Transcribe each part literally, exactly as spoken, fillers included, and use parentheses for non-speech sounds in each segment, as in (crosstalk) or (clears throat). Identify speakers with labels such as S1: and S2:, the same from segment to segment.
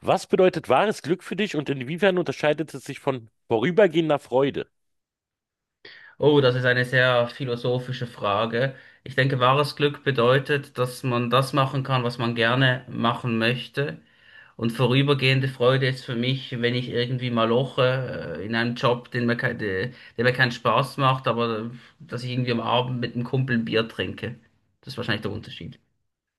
S1: Was bedeutet wahres Glück für dich und inwiefern unterscheidet es sich von vorübergehender Freude?
S2: Oh, das ist eine sehr philosophische Frage. Ich denke, wahres Glück bedeutet, dass man das machen kann, was man gerne machen möchte. Und vorübergehende Freude ist für mich, wenn ich irgendwie mal loche, äh, in einem Job, den mir kein, der der mir keinen Spaß macht, aber äh, dass ich irgendwie am Abend mit einem Kumpel ein Bier trinke. Das ist wahrscheinlich der Unterschied.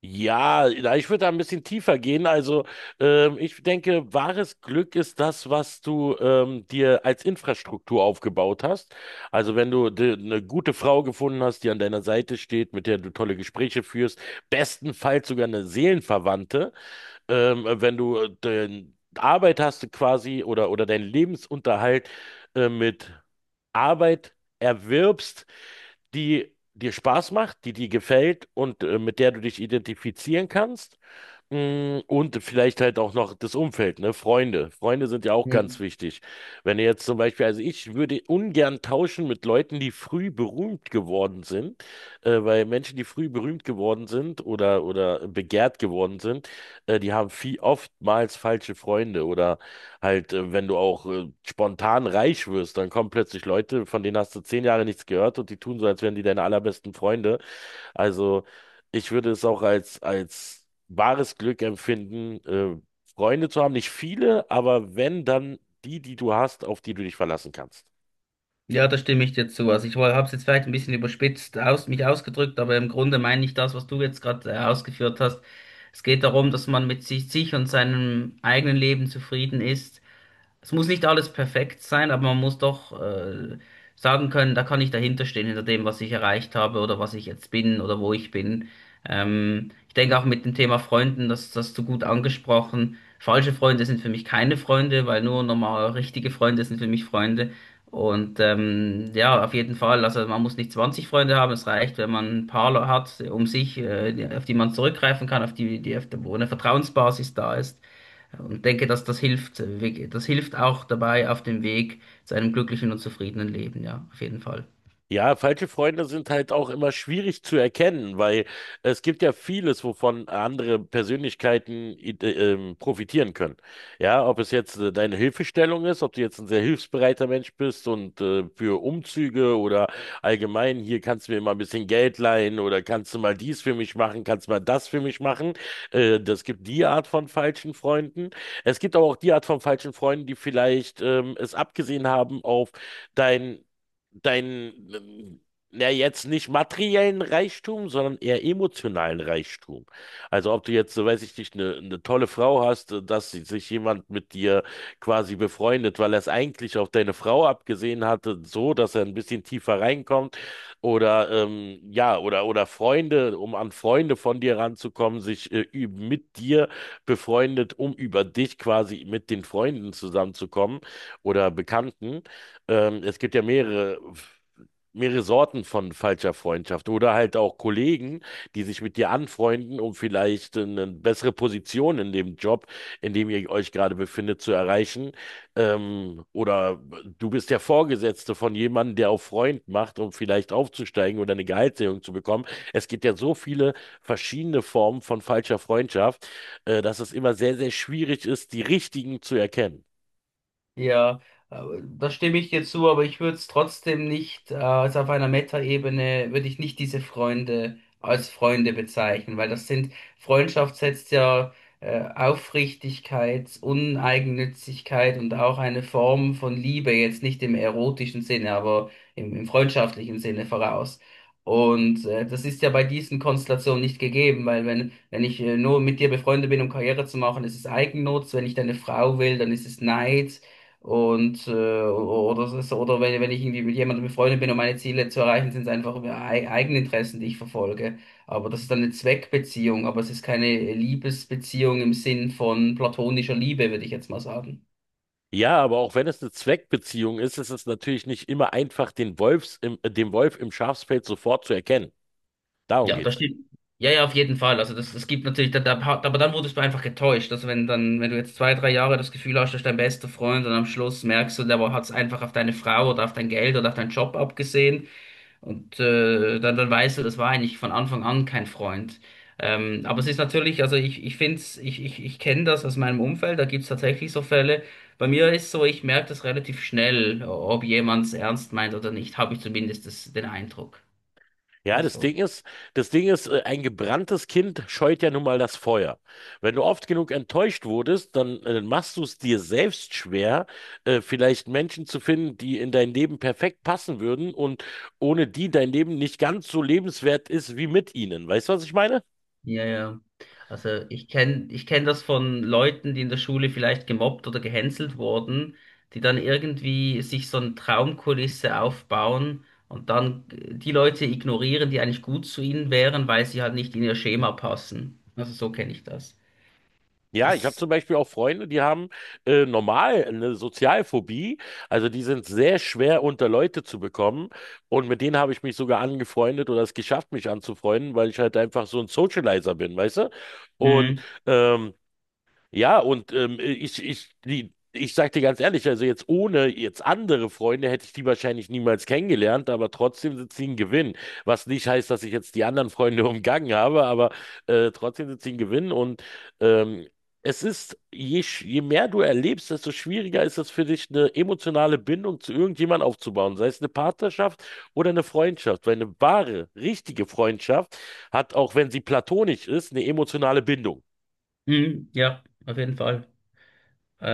S1: Ja, na, ich würde da ein bisschen tiefer gehen. Also, ähm, ich denke, wahres Glück ist das, was du ähm, dir als Infrastruktur aufgebaut hast. Also, wenn du de- eine gute Frau gefunden hast, die an deiner Seite steht, mit der du tolle Gespräche führst, bestenfalls sogar eine Seelenverwandte, ähm, wenn du den Arbeit hast quasi oder, oder deinen Lebensunterhalt äh, mit Arbeit erwirbst, die dir Spaß macht, die dir gefällt und äh, mit der du dich identifizieren kannst. Mm, Und vielleicht halt auch noch das Umfeld, ne? Freunde. Freunde sind ja auch ganz wichtig. Wenn du jetzt zum Beispiel, also ich würde ungern tauschen mit Leuten, die früh berühmt geworden sind, äh, weil Menschen, die früh berühmt geworden sind oder, oder begehrt geworden sind, äh, die haben viel oftmals falsche Freunde oder halt, äh, wenn du auch äh, spontan reich wirst, dann kommen plötzlich Leute, von denen hast du zehn Jahre nichts gehört und die tun so, als wären die deine allerbesten Freunde. Also ich würde es auch als, als wahres Glück empfinden, äh, Freunde zu haben. Nicht viele, aber wenn, dann die, die du hast, auf die du dich verlassen kannst.
S2: Ja, da stimme ich dir zu. Also ich habe es jetzt vielleicht ein bisschen überspitzt aus, mich ausgedrückt, aber im Grunde meine ich das, was du jetzt gerade äh, ausgeführt hast. Es geht darum, dass man mit sich, sich und seinem eigenen Leben zufrieden ist, es muss nicht alles perfekt sein, aber man muss doch äh, sagen können, da kann ich dahinter stehen, hinter dem, was ich erreicht habe oder was ich jetzt bin oder wo ich bin. Ähm, ich denke auch mit dem Thema Freunden, das, das hast du gut angesprochen. Falsche Freunde sind für mich keine Freunde, weil nur normal richtige Freunde sind für mich Freunde. Und ähm, ja, auf jeden Fall, also man muss nicht zwanzig Freunde haben, es reicht, wenn man ein paar hat um sich, äh, die- auf die man zurückgreifen kann, auf die, die auf der, wo eine Vertrauensbasis da ist. Und denke, dass das hilft, äh, das hilft auch dabei auf dem Weg zu einem glücklichen und zufriedenen Leben, ja, auf jeden Fall.
S1: Ja, falsche Freunde sind halt auch immer schwierig zu erkennen, weil es gibt ja vieles, wovon andere Persönlichkeiten i- äh, ähm, profitieren können. Ja, ob es jetzt äh, deine Hilfestellung ist, ob du jetzt ein sehr hilfsbereiter Mensch bist und äh, für Umzüge oder allgemein, hier kannst du mir mal ein bisschen Geld leihen oder kannst du mal dies für mich machen, kannst du mal das für mich machen. Äh, das gibt die Art von falschen Freunden. Es gibt aber auch die Art von falschen Freunden, die vielleicht ähm, es abgesehen haben auf dein deinen, ähm, ja jetzt nicht materiellen Reichtum, sondern eher emotionalen Reichtum. Also ob du jetzt, so weiß ich nicht, eine, eine tolle Frau hast, äh, dass sie- sich jemand mit dir quasi befreundet, weil er es eigentlich auf deine Frau abgesehen hatte, so, dass er ein bisschen tiefer reinkommt. Oder ähm, ja, oder oder Freunde, um an Freunde von dir ranzukommen, sich äh, üb- mit dir befreundet, um über dich quasi mit den Freunden zusammenzukommen oder Bekannten. Ähm, es gibt ja mehrere, mehrere Sorten von falscher Freundschaft oder halt auch Kollegen, die sich mit dir anfreunden, um vielleicht eine bessere Position in dem Job, in dem ihr euch gerade befindet, zu erreichen. Ähm, oder du bist der Vorgesetzte von jemandem, der auf Freund macht, um vielleicht aufzusteigen oder eine Gehaltserhöhung zu bekommen. Es gibt ja so viele verschiedene Formen von falscher Freundschaft, äh, dass es immer sehr, sehr schwierig ist, die richtigen zu erkennen.
S2: Ja, äh, da stimme ich dir zu, aber ich würde es trotzdem nicht, äh, also auf einer Metaebene würde ich nicht diese Freunde als Freunde bezeichnen, weil das sind, Freundschaft setzt ja äh, Aufrichtigkeit, Uneigennützigkeit und auch eine Form von Liebe, jetzt nicht im erotischen Sinne, aber im, im freundschaftlichen Sinne voraus. Und äh, das ist ja bei diesen Konstellationen nicht gegeben, weil wenn, wenn ich äh, nur mit dir befreundet bin, um Karriere zu machen, ist es Eigennutz, wenn ich deine Frau will, dann ist es Neid. Und äh, oder es ist, oder wenn, wenn ich irgendwie mit jemandem befreundet bin und meine Ziele zu erreichen, sind es einfach e- eigene Interessen, die ich verfolge. Aber das ist dann eine Zweckbeziehung, aber es ist keine Liebesbeziehung im Sinn von platonischer Liebe, würde ich jetzt mal sagen.
S1: Ja, aber auch wenn es eine Zweckbeziehung ist, ist es natürlich nicht immer einfach, den Wolfs im, äh, den Wolf im Schafspelz sofort zu erkennen. Darum
S2: Ja, das
S1: geht's.
S2: stimmt. Ja, ja, auf jeden Fall. Also das, es gibt natürlich, da, da, aber dann wurdest du einfach getäuscht. Also wenn dann, wenn du jetzt zwei, drei Jahre das Gefühl hast, das ist dein bester Freund und am Schluss merkst du, der hat es einfach auf deine Frau oder auf dein Geld oder auf deinen Job abgesehen. Und äh, dann, dann weißt du, das war eigentlich von Anfang an kein Freund. Ähm, aber es ist natürlich, also ich, ich finde es, ich, ich, ich kenne das aus meinem Umfeld, da gibt es tatsächlich so Fälle. Bei mir ist so, ich merke das relativ schnell, ob jemand es ernst meint oder nicht, habe ich zumindest das, den Eindruck.
S1: Ja, das
S2: Also.
S1: Ding ist, das Ding ist, äh, ein gebranntes Kind scheut ja nun mal das Feuer. Wenn du oft genug enttäuscht wurdest, dann äh, machst du es dir selbst schwer, äh, vielleicht Menschen zu finden, die in dein Leben perfekt passen würden und ohne die dein Leben nicht ganz so lebenswert ist wie mit ihnen. Weißt du, was ich meine?
S2: Ja, ja. Also ich kenne ich kenn das von Leuten, die in der Schule vielleicht gemobbt oder gehänselt wurden, die dann irgendwie sich so eine Traumkulisse aufbauen und dann äh, die Leute ignorieren, die eigentlich gut zu ihnen wären, weil sie halt nicht in ihr Schema passen. Also so kenne ich das.
S1: Ja, ich habe
S2: Das.
S1: zum Beispiel auch Freunde, die haben äh, normal eine Sozialphobie. Also die sind sehr schwer unter Leute zu bekommen. Und mit denen habe ich mich sogar angefreundet oder es geschafft, mich anzufreunden, weil ich halt einfach so ein Socializer bin, weißt du? Und
S2: Mhm.
S1: ähm, ja, und ähm, ich, ich, die, ich sag dir ganz ehrlich, also jetzt ohne jetzt andere Freunde hätte ich die wahrscheinlich niemals kennengelernt, aber trotzdem sind sie ein Gewinn. Was nicht heißt, dass ich jetzt die anderen Freunde (laughs) umgangen habe, aber äh, trotzdem sind sie ein Gewinn. Und ähm, es ist, je, sch- je mehr du erlebst, desto schwieriger ist es für dich, eine emotionale Bindung zu irgendjemandem aufzubauen, sei es eine Partnerschaft oder eine Freundschaft. Weil eine wahre, richtige Freundschaft hat, auch wenn sie platonisch ist, eine emotionale Bindung.
S2: Mhm. Ja, auf jeden Fall.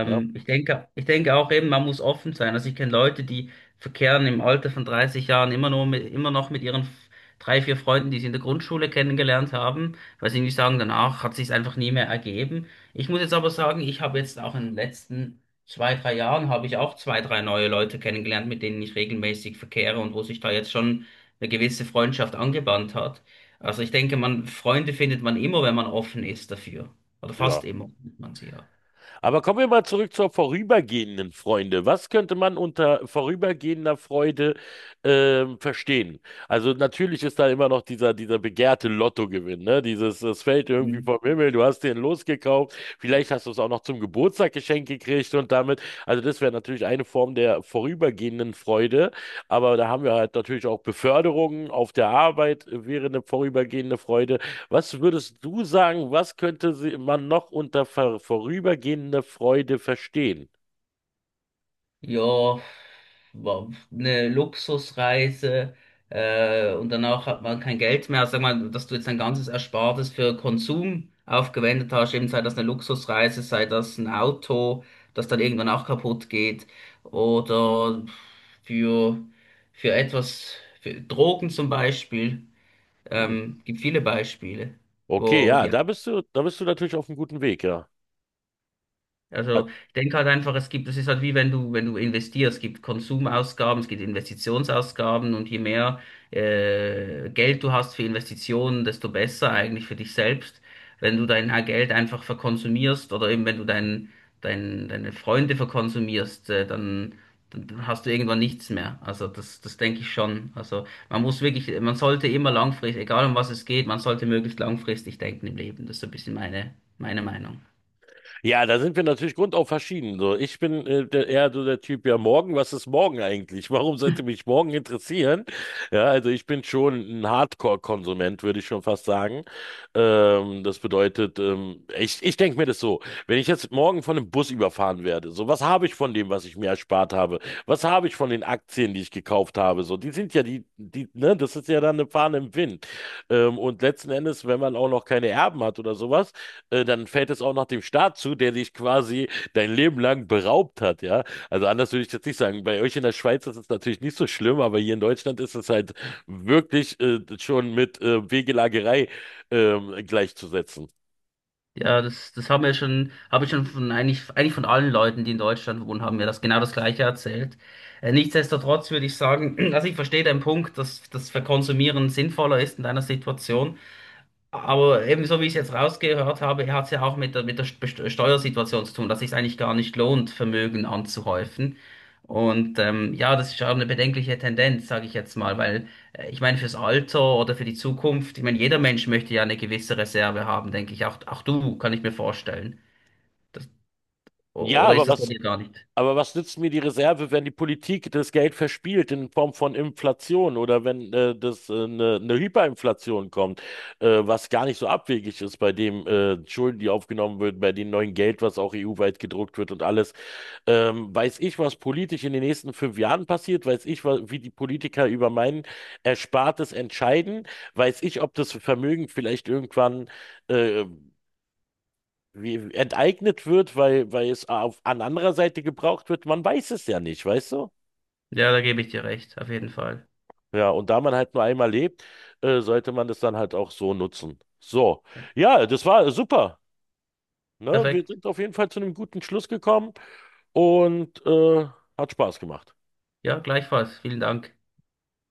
S1: Ja.
S2: ich denke, ich denke auch eben, man muss offen sein. Also ich kenne Leute, die verkehren im Alter von dreißig Jahren immer nur mit, immer noch mit ihren f- drei, vier Freunden, die sie in der Grundschule kennengelernt haben, weil sie nicht sagen, danach hat sich einfach nie mehr ergeben. Ich muss jetzt aber sagen, ich habe jetzt auch in den letzten zwei, drei Jahren habe ich auch zwei, drei neue Leute kennengelernt, mit denen ich regelmäßig verkehre und wo sich da jetzt schon eine gewisse Freundschaft angebahnt hat. Also ich denke, man, Freunde findet man immer, wenn man offen ist dafür. Oder fast
S1: Ja.
S2: immer findet man sie ja.
S1: Aber kommen wir mal zurück zur vorübergehenden Freude. Was könnte man unter vorübergehender Freude ähm, verstehen? Also natürlich ist da immer noch dieser, dieser begehrte Lottogewinn, ne? Dieses, es fällt irgendwie vom Himmel, du hast den losgekauft, vielleicht hast du es auch noch zum Geburtstag geschenkt gekriegt und damit, also das wäre natürlich eine Form der vorübergehenden Freude, aber da haben wir halt natürlich auch Beförderungen auf der Arbeit, äh, wäre eine vorübergehende Freude. Was würdest du sagen, was könnte sie- man noch unter ver vorübergehender Freude verstehen?
S2: Ja, war eine Luxusreise äh, und danach hat man kein Geld mehr. Also sag mal, dass du jetzt dein ganzes Erspartes für Konsum aufgewendet hast, eben sei das eine Luxusreise, sei das ein Auto, das dann irgendwann auch kaputt geht oder für, für etwas, für Drogen zum Beispiel.
S1: Hm.
S2: Ähm, gibt viele Beispiele,
S1: Okay,
S2: wo
S1: ja,
S2: die.
S1: da bist du, da bist du natürlich auf einem guten Weg, ja.
S2: Also ich denke halt einfach, es gibt, es ist halt wie wenn du, wenn du investierst, es gibt Konsumausgaben, es gibt Investitionsausgaben und je mehr äh, Geld du hast für Investitionen, desto besser eigentlich für dich selbst. Wenn du dein Geld einfach verkonsumierst oder eben wenn du dein, dein, deine Freunde verkonsumierst, äh, dann, dann dann hast du irgendwann nichts mehr. Also das, das denke ich schon. Also man muss wirklich, man sollte immer langfristig, egal um was es geht, man sollte möglichst langfristig denken im Leben. Das ist so ein bisschen meine, meine Meinung.
S1: Ja, da sind wir natürlich grundauf verschieden. So, ich bin äh, der, eher so der Typ, ja, morgen, was ist morgen eigentlich? (laughs) Warum sollte mich morgen interessieren? Ja, also ich bin schon ein Hardcore-Konsument, würde ich schon fast sagen. Ähm, das bedeutet, ähm, ich, ich denke mir das so, wenn ich jetzt morgen von einem Bus überfahren werde, so, was habe ich von dem, was ich mir erspart habe? Was habe ich von den Aktien, die ich gekauft habe? So, die sind ja die, die, ne, das ist ja dann eine Fahne im Wind. Ähm, und letzten Endes, wenn man auch noch keine Erben hat oder sowas, äh, dann fällt es auch noch dem Staat zu, der dich quasi dein Leben lang beraubt hat, ja. Also anders würde ich jetzt nicht sagen. Bei euch in der Schweiz ist es natürlich nicht so schlimm, aber hier in Deutschland ist es halt wirklich äh, schon mit äh, Wegelagerei ähm, gleichzusetzen.
S2: Ja, das, das haben wir schon, habe ich schon von eigentlich, eigentlich von allen Leuten, die in Deutschland wohnen, haben mir das genau das Gleiche erzählt. Äh, nichtsdestotrotz würde ich sagen, (clears throat) also ich verstehe deinen Punkt, dass das Verkonsumieren sinnvoller ist in deiner Situation. Aber eben so wie ich es jetzt rausgehört habe, hat es ja auch mit der, mit der Best- Steuersituation zu tun, dass es sich eigentlich gar nicht lohnt, Vermögen anzuhäufen. Und ähm, ja, das ist auch eine bedenkliche Tendenz, sage ich jetzt mal, weil äh, ich meine, fürs Alter oder für die Zukunft, ich meine, jeder Mensch möchte ja eine gewisse Reserve haben, denke ich. Auch, auch du, kann ich mir vorstellen. Das, o-
S1: Ja,
S2: oder
S1: aber
S2: ist das bei
S1: was
S2: dir gar nicht?
S1: Aber was nützt mir die Reserve, wenn die Politik das Geld verspielt in Form von Inflation oder wenn äh, das äh, eine, eine Hyperinflation kommt, äh, was gar nicht so abwegig ist bei dem äh, Schulden, die aufgenommen werden, bei dem neuen Geld, was auch E U-weit gedruckt wird und alles. Ähm, weiß ich, was politisch in den nächsten fünf Jahren passiert? Weiß ich, wa- wie die Politiker über mein Erspartes entscheiden? Weiß ich, ob das Vermögen vielleicht irgendwann äh, wie enteignet wird, weil, weil es auf, an anderer Seite gebraucht wird. Man weiß es ja nicht, weißt du?
S2: Ja, da gebe ich dir recht, auf jeden Fall.
S1: Ja, und da man halt nur einmal lebt, äh, sollte man das dann halt auch so nutzen. So, ja, das war super. Ne? Wir
S2: Perfekt.
S1: sind auf jeden Fall zu einem guten Schluss gekommen und äh, hat Spaß gemacht.
S2: Ja, gleichfalls. Vielen Dank.